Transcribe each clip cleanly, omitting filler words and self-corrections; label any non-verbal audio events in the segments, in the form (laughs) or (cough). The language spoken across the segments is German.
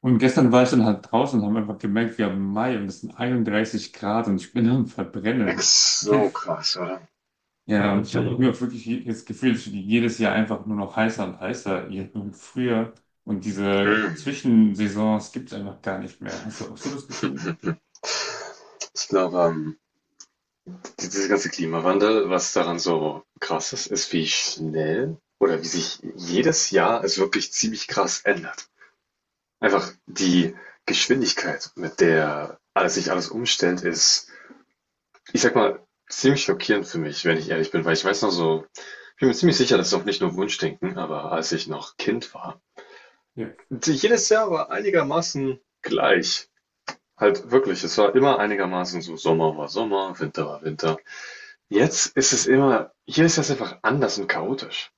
Und gestern war ich dann halt draußen und haben einfach gemerkt, wir haben Mai und es sind 31 Grad und ich bin am Ex Verbrennen. so Kennst, krass, oder? ja, und ich habe Wahnsinn. Irgendwie wirklich das Gefühl, es wird jedes Jahr einfach nur noch heißer und heißer. Und früher und diese Hm. Zwischensaisons gibt es einfach gar nicht mehr. Hast du auch so das Gefühl? Ich glaube, dieser ganze Klimawandel, was daran so krass ist, ist, wie schnell oder wie sich jedes Jahr es wirklich ziemlich krass ändert. Einfach die Geschwindigkeit, mit der alles sich alles umstellt, ist, ich sag mal, ziemlich schockierend für mich, wenn ich ehrlich bin, weil ich weiß noch so, ich bin mir ziemlich sicher, das ist auch nicht nur Wunschdenken, aber als ich noch Kind war, jedes Jahr war einigermaßen gleich. Halt wirklich, es war immer einigermaßen so, Sommer war Sommer, Winter war Winter. Jetzt ist es immer, hier ist das einfach anders und chaotisch.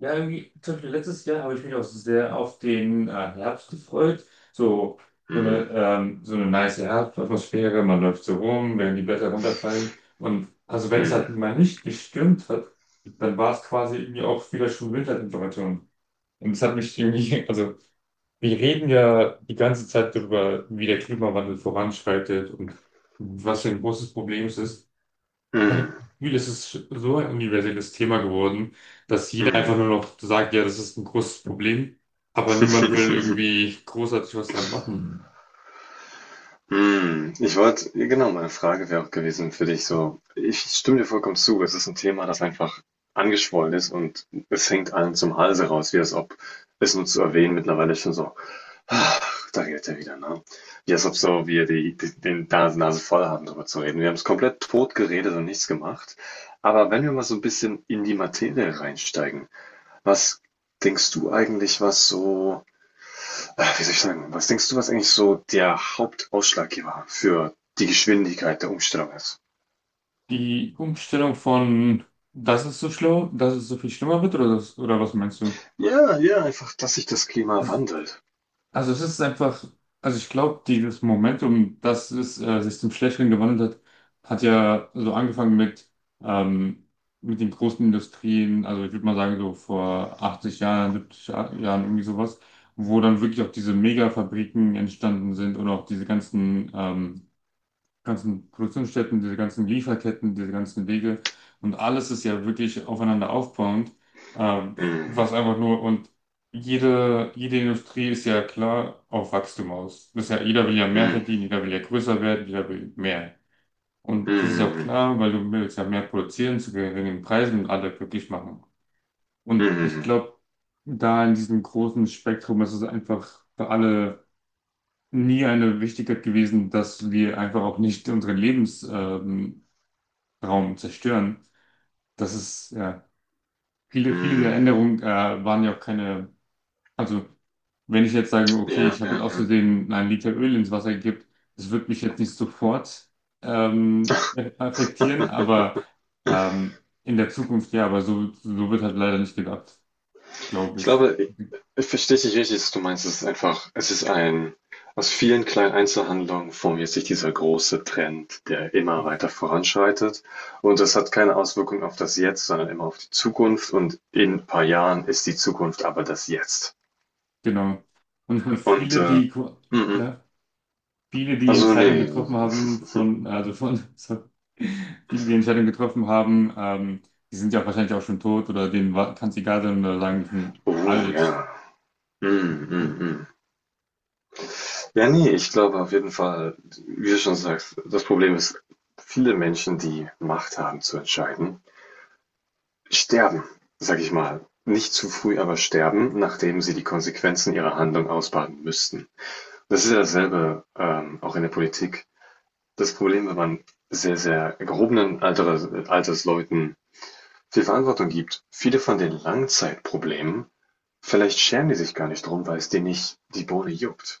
Ja, irgendwie, zum Beispiel letztes Jahr habe ich mich auch sehr auf den Herbst gefreut. So, Hm, so eine nice Herbstatmosphäre, man läuft so rum, wenn die Blätter runterfallen. Und also wenn es halt hm, mal nicht gestürmt hat, dann war es quasi irgendwie auch wieder schon Wintertemperaturen. Und es hat mich irgendwie, (laughs) also wir reden ja die ganze Zeit darüber, wie der Klimawandel voranschreitet und was für ein großes Problem es ist. (laughs) hm, Ich habe das Gefühl, es ist so ein universelles Thema geworden, dass jeder hm. einfach nur noch sagt, ja, das ist ein großes Problem, aber niemand will (laughs) irgendwie großartig was dran machen. Hm. Ich wollte, genau, meine Frage wäre auch gewesen für dich so, ich stimme dir vollkommen zu, es ist ein Thema, das einfach angeschwollen ist und es hängt allen zum Halse raus, wie als ob es nur zu erwähnen mittlerweile schon so Ach, da gilt er wieder, ne? Ja, ist ob so, wir den Nase voll haben, darüber zu reden. Wir haben es komplett tot geredet und nichts gemacht. Aber wenn wir mal so ein bisschen in die Materie reinsteigen, was denkst du eigentlich, was so, wie soll ich sagen, was denkst du, was eigentlich so der Hauptausschlaggeber für die Geschwindigkeit der Umstellung ist? Die Umstellung von, das ist so schlimm, dass es so viel schlimmer wird, oder, das, oder was meinst du? Ja, ja, einfach, dass sich das Klima Das wandelt. also es ist einfach, also ich glaube, dieses Momentum, dass es sich zum Schlechteren gewandelt hat, hat ja so angefangen ähm, mit den großen Industrien, also ich würde mal sagen so vor 80 Jahren, 70 Jahren irgendwie sowas, wo dann wirklich auch diese Megafabriken entstanden sind und auch diese ganzen ganzen Produktionsstätten, diese ganzen Lieferketten, diese ganzen Wege und alles ist ja wirklich aufeinander aufbauend, ähm, Mm, was einfach nur und jede Industrie ist ja klar auf Wachstum aus. Das ist ja, jeder will ja mehr mm, verdienen, jeder will ja größer werden, jeder will mehr. Und das ist ja auch mm, klar, weil du willst ja mehr produzieren zu geringen Preisen und alle glücklich machen. mm, Und ich mm, glaube, da in diesem großen Spektrum ist es einfach für alle nie eine Wichtigkeit gewesen, dass wir einfach auch nicht unseren Lebensraum Raum zerstören. Das ist, ja, viele, viele der mm. Änderungen waren ja auch keine, also wenn ich jetzt sage, okay, Ja, ich habe jetzt ja, aus ja. Versehen einen Liter Öl ins Wasser gekippt, das wird mich jetzt nicht sofort ähm, affektieren, aber ähm, in der Zukunft ja, aber so, so wird halt leider nicht gedacht, glaube Ich ich. glaube, i ich verstehe dich richtig, dass du meinst, es ist einfach es ist ein aus vielen kleinen Einzelhandlungen formiert sich dieser große Trend, der immer weiter voranschreitet. Und das hat keine Auswirkung auf das Jetzt, sondern immer auf die Zukunft. Und in ein paar Jahren ist die Zukunft aber das Jetzt. Genau. Und ich meine, Und, viele, die, mhm. ja. Viele, die Also, Entscheidungen nee, getroffen haben von, also von, (laughs) sorry, viele, die Entscheidungen getroffen haben, die sind ja wahrscheinlich auch schon tot oder denen kann es egal sein oder sagen, ich bin oh, alt. ja. Mhm, mhm, mhm. Ja, ne, ich glaube auf jeden Fall, wie du schon sagst, das Problem ist, viele Menschen, die Macht haben zu entscheiden Sterben, sag ich mal. Nicht zu früh, aber sterben, nachdem sie die Konsequenzen ihrer Handlung ausbaden müssten. Das ist ja dasselbe auch in der Politik. Das Problem, wenn man sehr, sehr gehobenen Alters, Altersleuten viel Verantwortung gibt, viele von den Langzeitproblemen, vielleicht schämen die sich gar nicht drum, weil es denen nicht die Bohne juckt.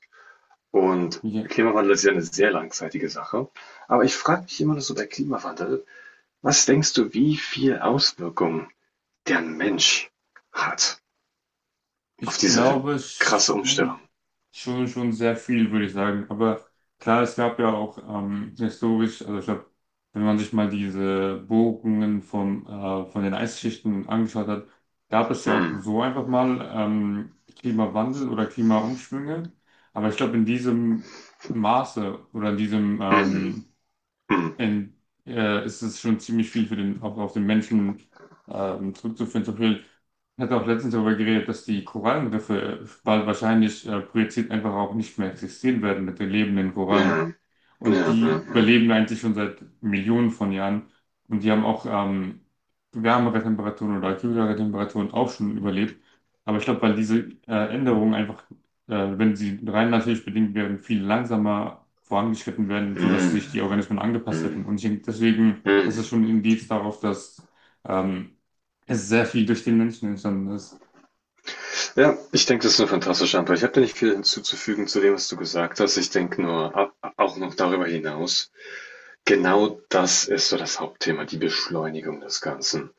Und Klimawandel ist ja eine sehr langzeitige Sache. Aber ich frage mich immer noch so bei Klimawandel, was denkst du, wie viel Auswirkungen der Mensch hat? Auf Ich diese glaube krasse Umstellung. schon, schon sehr viel, würde ich sagen. Aber klar, es gab ja auch historisch, also ich glaube, wenn man sich mal diese Bohrungen vom, von den Eisschichten angeschaut hat, gab es ja auch Hm. so einfach mal Klimawandel oder Klimaumschwünge. Aber ich glaube, in diesem Maße oder in diesem Mhm. Mhm. in, ist es schon ziemlich viel für den, auch auf den Menschen zurückzuführen. Zum Beispiel, ich hatte auch letztens darüber geredet, dass die Korallenriffe bald wahrscheinlich projiziert einfach auch nicht mehr existieren werden mit den lebenden Ja. Korallen. Ja. Und Ja. die Ja. überleben eigentlich schon seit Millionen von Jahren. Und die haben auch wärmere Temperaturen oder kühlere Temperaturen auch schon überlebt. Aber ich glaube, weil diese Änderungen einfach, wenn sie rein natürlich bedingt wären, viel langsamer vorangeschritten werden, sodass Mhm. sich die Organismen angepasst Mhm. hätten. Und ich denke, deswegen ist es Mhm. schon ein Indiz darauf, dass ähm, es sehr viel durch den Menschen entstanden ist. Ja, ich denke, das ist eine fantastische Antwort. Ich habe da nicht viel hinzuzufügen zu dem, was du gesagt hast. Ich denke nur, auch noch darüber hinaus, genau das ist so das Hauptthema, die Beschleunigung des Ganzen.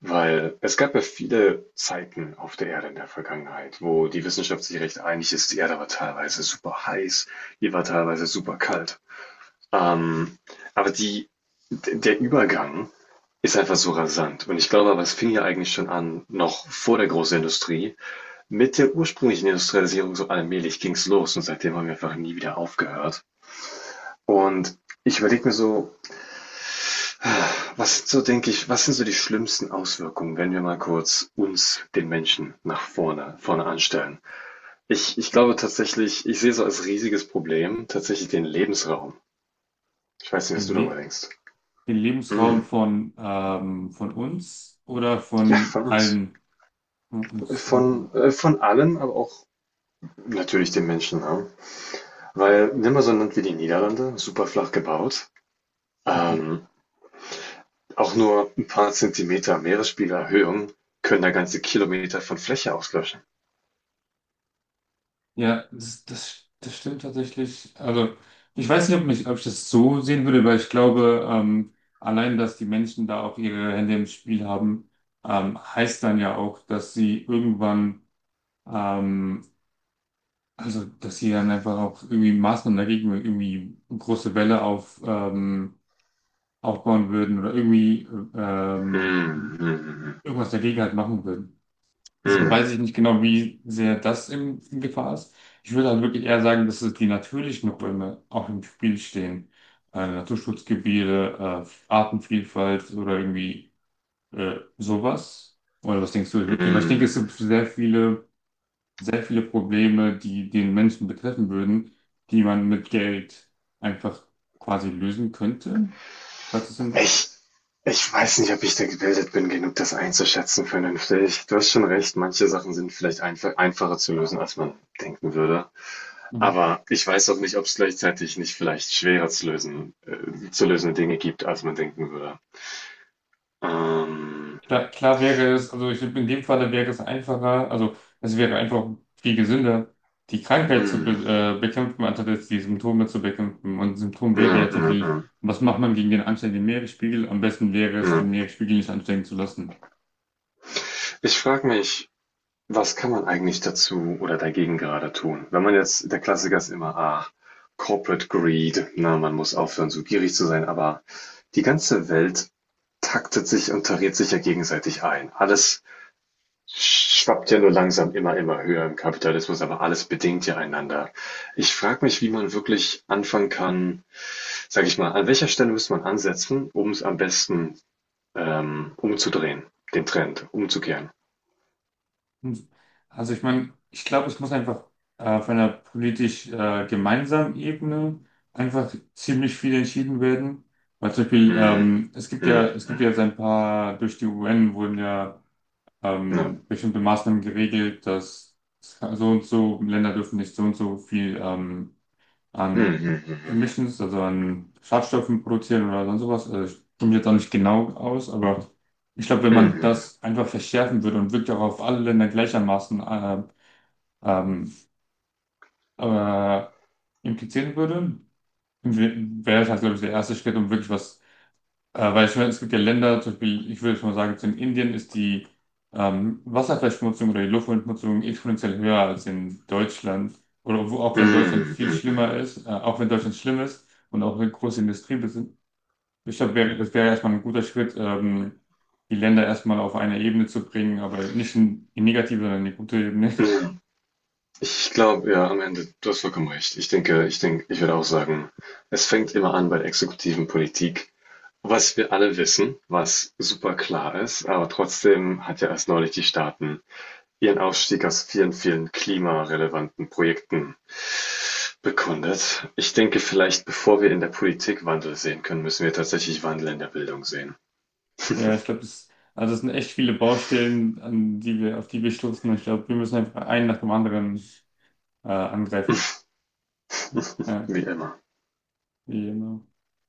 Weil es gab ja viele Zeiten auf der Erde in der Vergangenheit, wo die Wissenschaft sich recht einig ist. Die Erde war teilweise super heiß, die war teilweise super kalt. Ähm, aber die d der Übergang ist einfach so rasant. Und ich glaube aber, es fing ja eigentlich schon an, noch vor der großen Industrie. Mit der ursprünglichen Industrialisierung so allmählich ging's los und seitdem haben wir einfach nie wieder aufgehört. Und ich überlege mir so, was so, denke ich, was sind so die schlimmsten Auswirkungen, wenn wir mal kurz uns, den Menschen, vorne anstellen? Ich glaube tatsächlich, ich sehe so als riesiges Problem tatsächlich den Lebensraum. Ich weiß nicht, was Den, du darüber Le denkst. Den Lebensraum Mm. Von uns oder Ja, von von uns. allen. Von allem, aber auch natürlich den Menschen. Ne? Weil nimm mal so ein Land wie die Niederlande, super flach gebaut. Mhm. Ähm, auch nur ein paar Zentimeter Meeresspiegelerhöhung können da ganze Kilometer von Fläche auslöschen. Ja, das stimmt tatsächlich. Also, ich weiß nicht, ob, mich, ob ich das so sehen würde, weil ich glaube, allein, dass die Menschen da auch ihre Hände im Spiel haben, heißt dann ja auch, dass sie irgendwann, ähm, also, dass sie dann einfach auch irgendwie Maßnahmen dagegen, irgendwie eine große Welle auf, aufbauen würden oder irgendwie ähm, Hm, hm, irgendwas dagegen halt machen würden. Deshalb hm, weiß ich nicht genau, wie sehr das in Gefahr ist. Ich würde halt wirklich eher sagen, dass es die natürlichen Räume auch im Spiel stehen. Naturschutzgebiete, Artenvielfalt oder irgendwie sowas. Oder was denkst hm. du? Weil ich Hm. denke, es gibt sehr viele Probleme, die den Menschen betreffen würden, die man mit Geld einfach quasi lösen könnte, falls es Sinn macht. Ich, ich weiß nicht, ob ich da gebildet bin, genug das einzuschätzen vernünftig. Du hast schon recht, manche Sachen sind vielleicht einfacher zu lösen, als man denken würde. Aber ich weiß auch nicht, ob es gleichzeitig nicht vielleicht schwerer zu lösen, zu lösende Dinge gibt, als man denken würde. Ähm, Klar, klar wäre es, also ich, in dem Falle wäre es einfacher, also es wäre einfach viel gesünder, die Krankheit zu be mm, bekämpfen, anstatt jetzt die Symptome zu bekämpfen. Und Symptom wäre ja, ja so ja, viel, ja, was macht man gegen den ansteigenden Meeresspiegel? Am besten wäre es, ja. den Meeresspiegel nicht ansteigen zu lassen. Ich frage mich, was kann man eigentlich dazu oder dagegen gerade tun? Wenn man jetzt, der Klassiker ist immer, ah, Corporate Greed, na, man muss aufhören, so gierig zu sein, aber die ganze Welt taktet sich und tariert sich ja gegenseitig ein. Alles schwappt ja nur langsam immer höher im Kapitalismus, aber alles bedingt ja einander. Ich frage mich, wie man wirklich anfangen kann, sage ich mal, an welcher Stelle müsste man ansetzen, um es am besten umzudrehen, den Trend umzukehren. Hm. Also ich meine, ich glaube, es muss einfach auf einer politisch gemeinsamen Ebene einfach ziemlich viel entschieden werden. Weil zum Beispiel, Hm, hm, es gibt hm, ja jetzt ein paar, durch die UN wurden ja ja. Bestimmte Maßnahmen geregelt, dass so und so Länder dürfen nicht so und so viel Hm, an hm, hm, Emissions, also an Schadstoffen produzieren oder sonst sowas. Also ich komme mich jetzt auch nicht genau aus, aber ich glaube, wenn hm, man hm, das einfach verschärfen würde und wirklich auch auf alle Länder gleichermaßen ähm, äh, implizieren würde, wäre es halt, glaube ich, der erste Schritt, um wirklich was weil ich meine, es gibt ja Länder, zum Beispiel, ich würde jetzt mal sagen, jetzt in Indien ist die Wasserverschmutzung oder die Luftverschmutzung exponentiell höher als in Deutschland. Oder wo, auch hm, wenn Deutschland hm, viel hm, hm. schlimmer ist, auch wenn Deutschland schlimm ist und auch eine große Industrie besitzt. Ich glaube, das wäre erstmal ein guter Schritt, die Länder erstmal auf eine Ebene zu bringen, aber nicht in die negative, sondern in die gute Ebene. (laughs) Ich glaube, ja, am Ende, du hast vollkommen recht. Ich denke, ich würde auch sagen, es fängt immer an bei der exekutiven Politik. Was wir alle wissen, was super klar ist, aber trotzdem hat ja erst neulich die Staaten ihren Ausstieg aus vielen, vielen klimarelevanten Projekten bekundet. Ich denke vielleicht, bevor wir in der Politik Wandel sehen können, müssen wir tatsächlich Wandel in der Bildung sehen, Ja, ich glaube, das, also es sind echt viele Baustellen, an die wir, auf die wir stoßen. Ich glaube, wir müssen einfach einen nach dem anderen angreifen. Ja, wie immer. genau.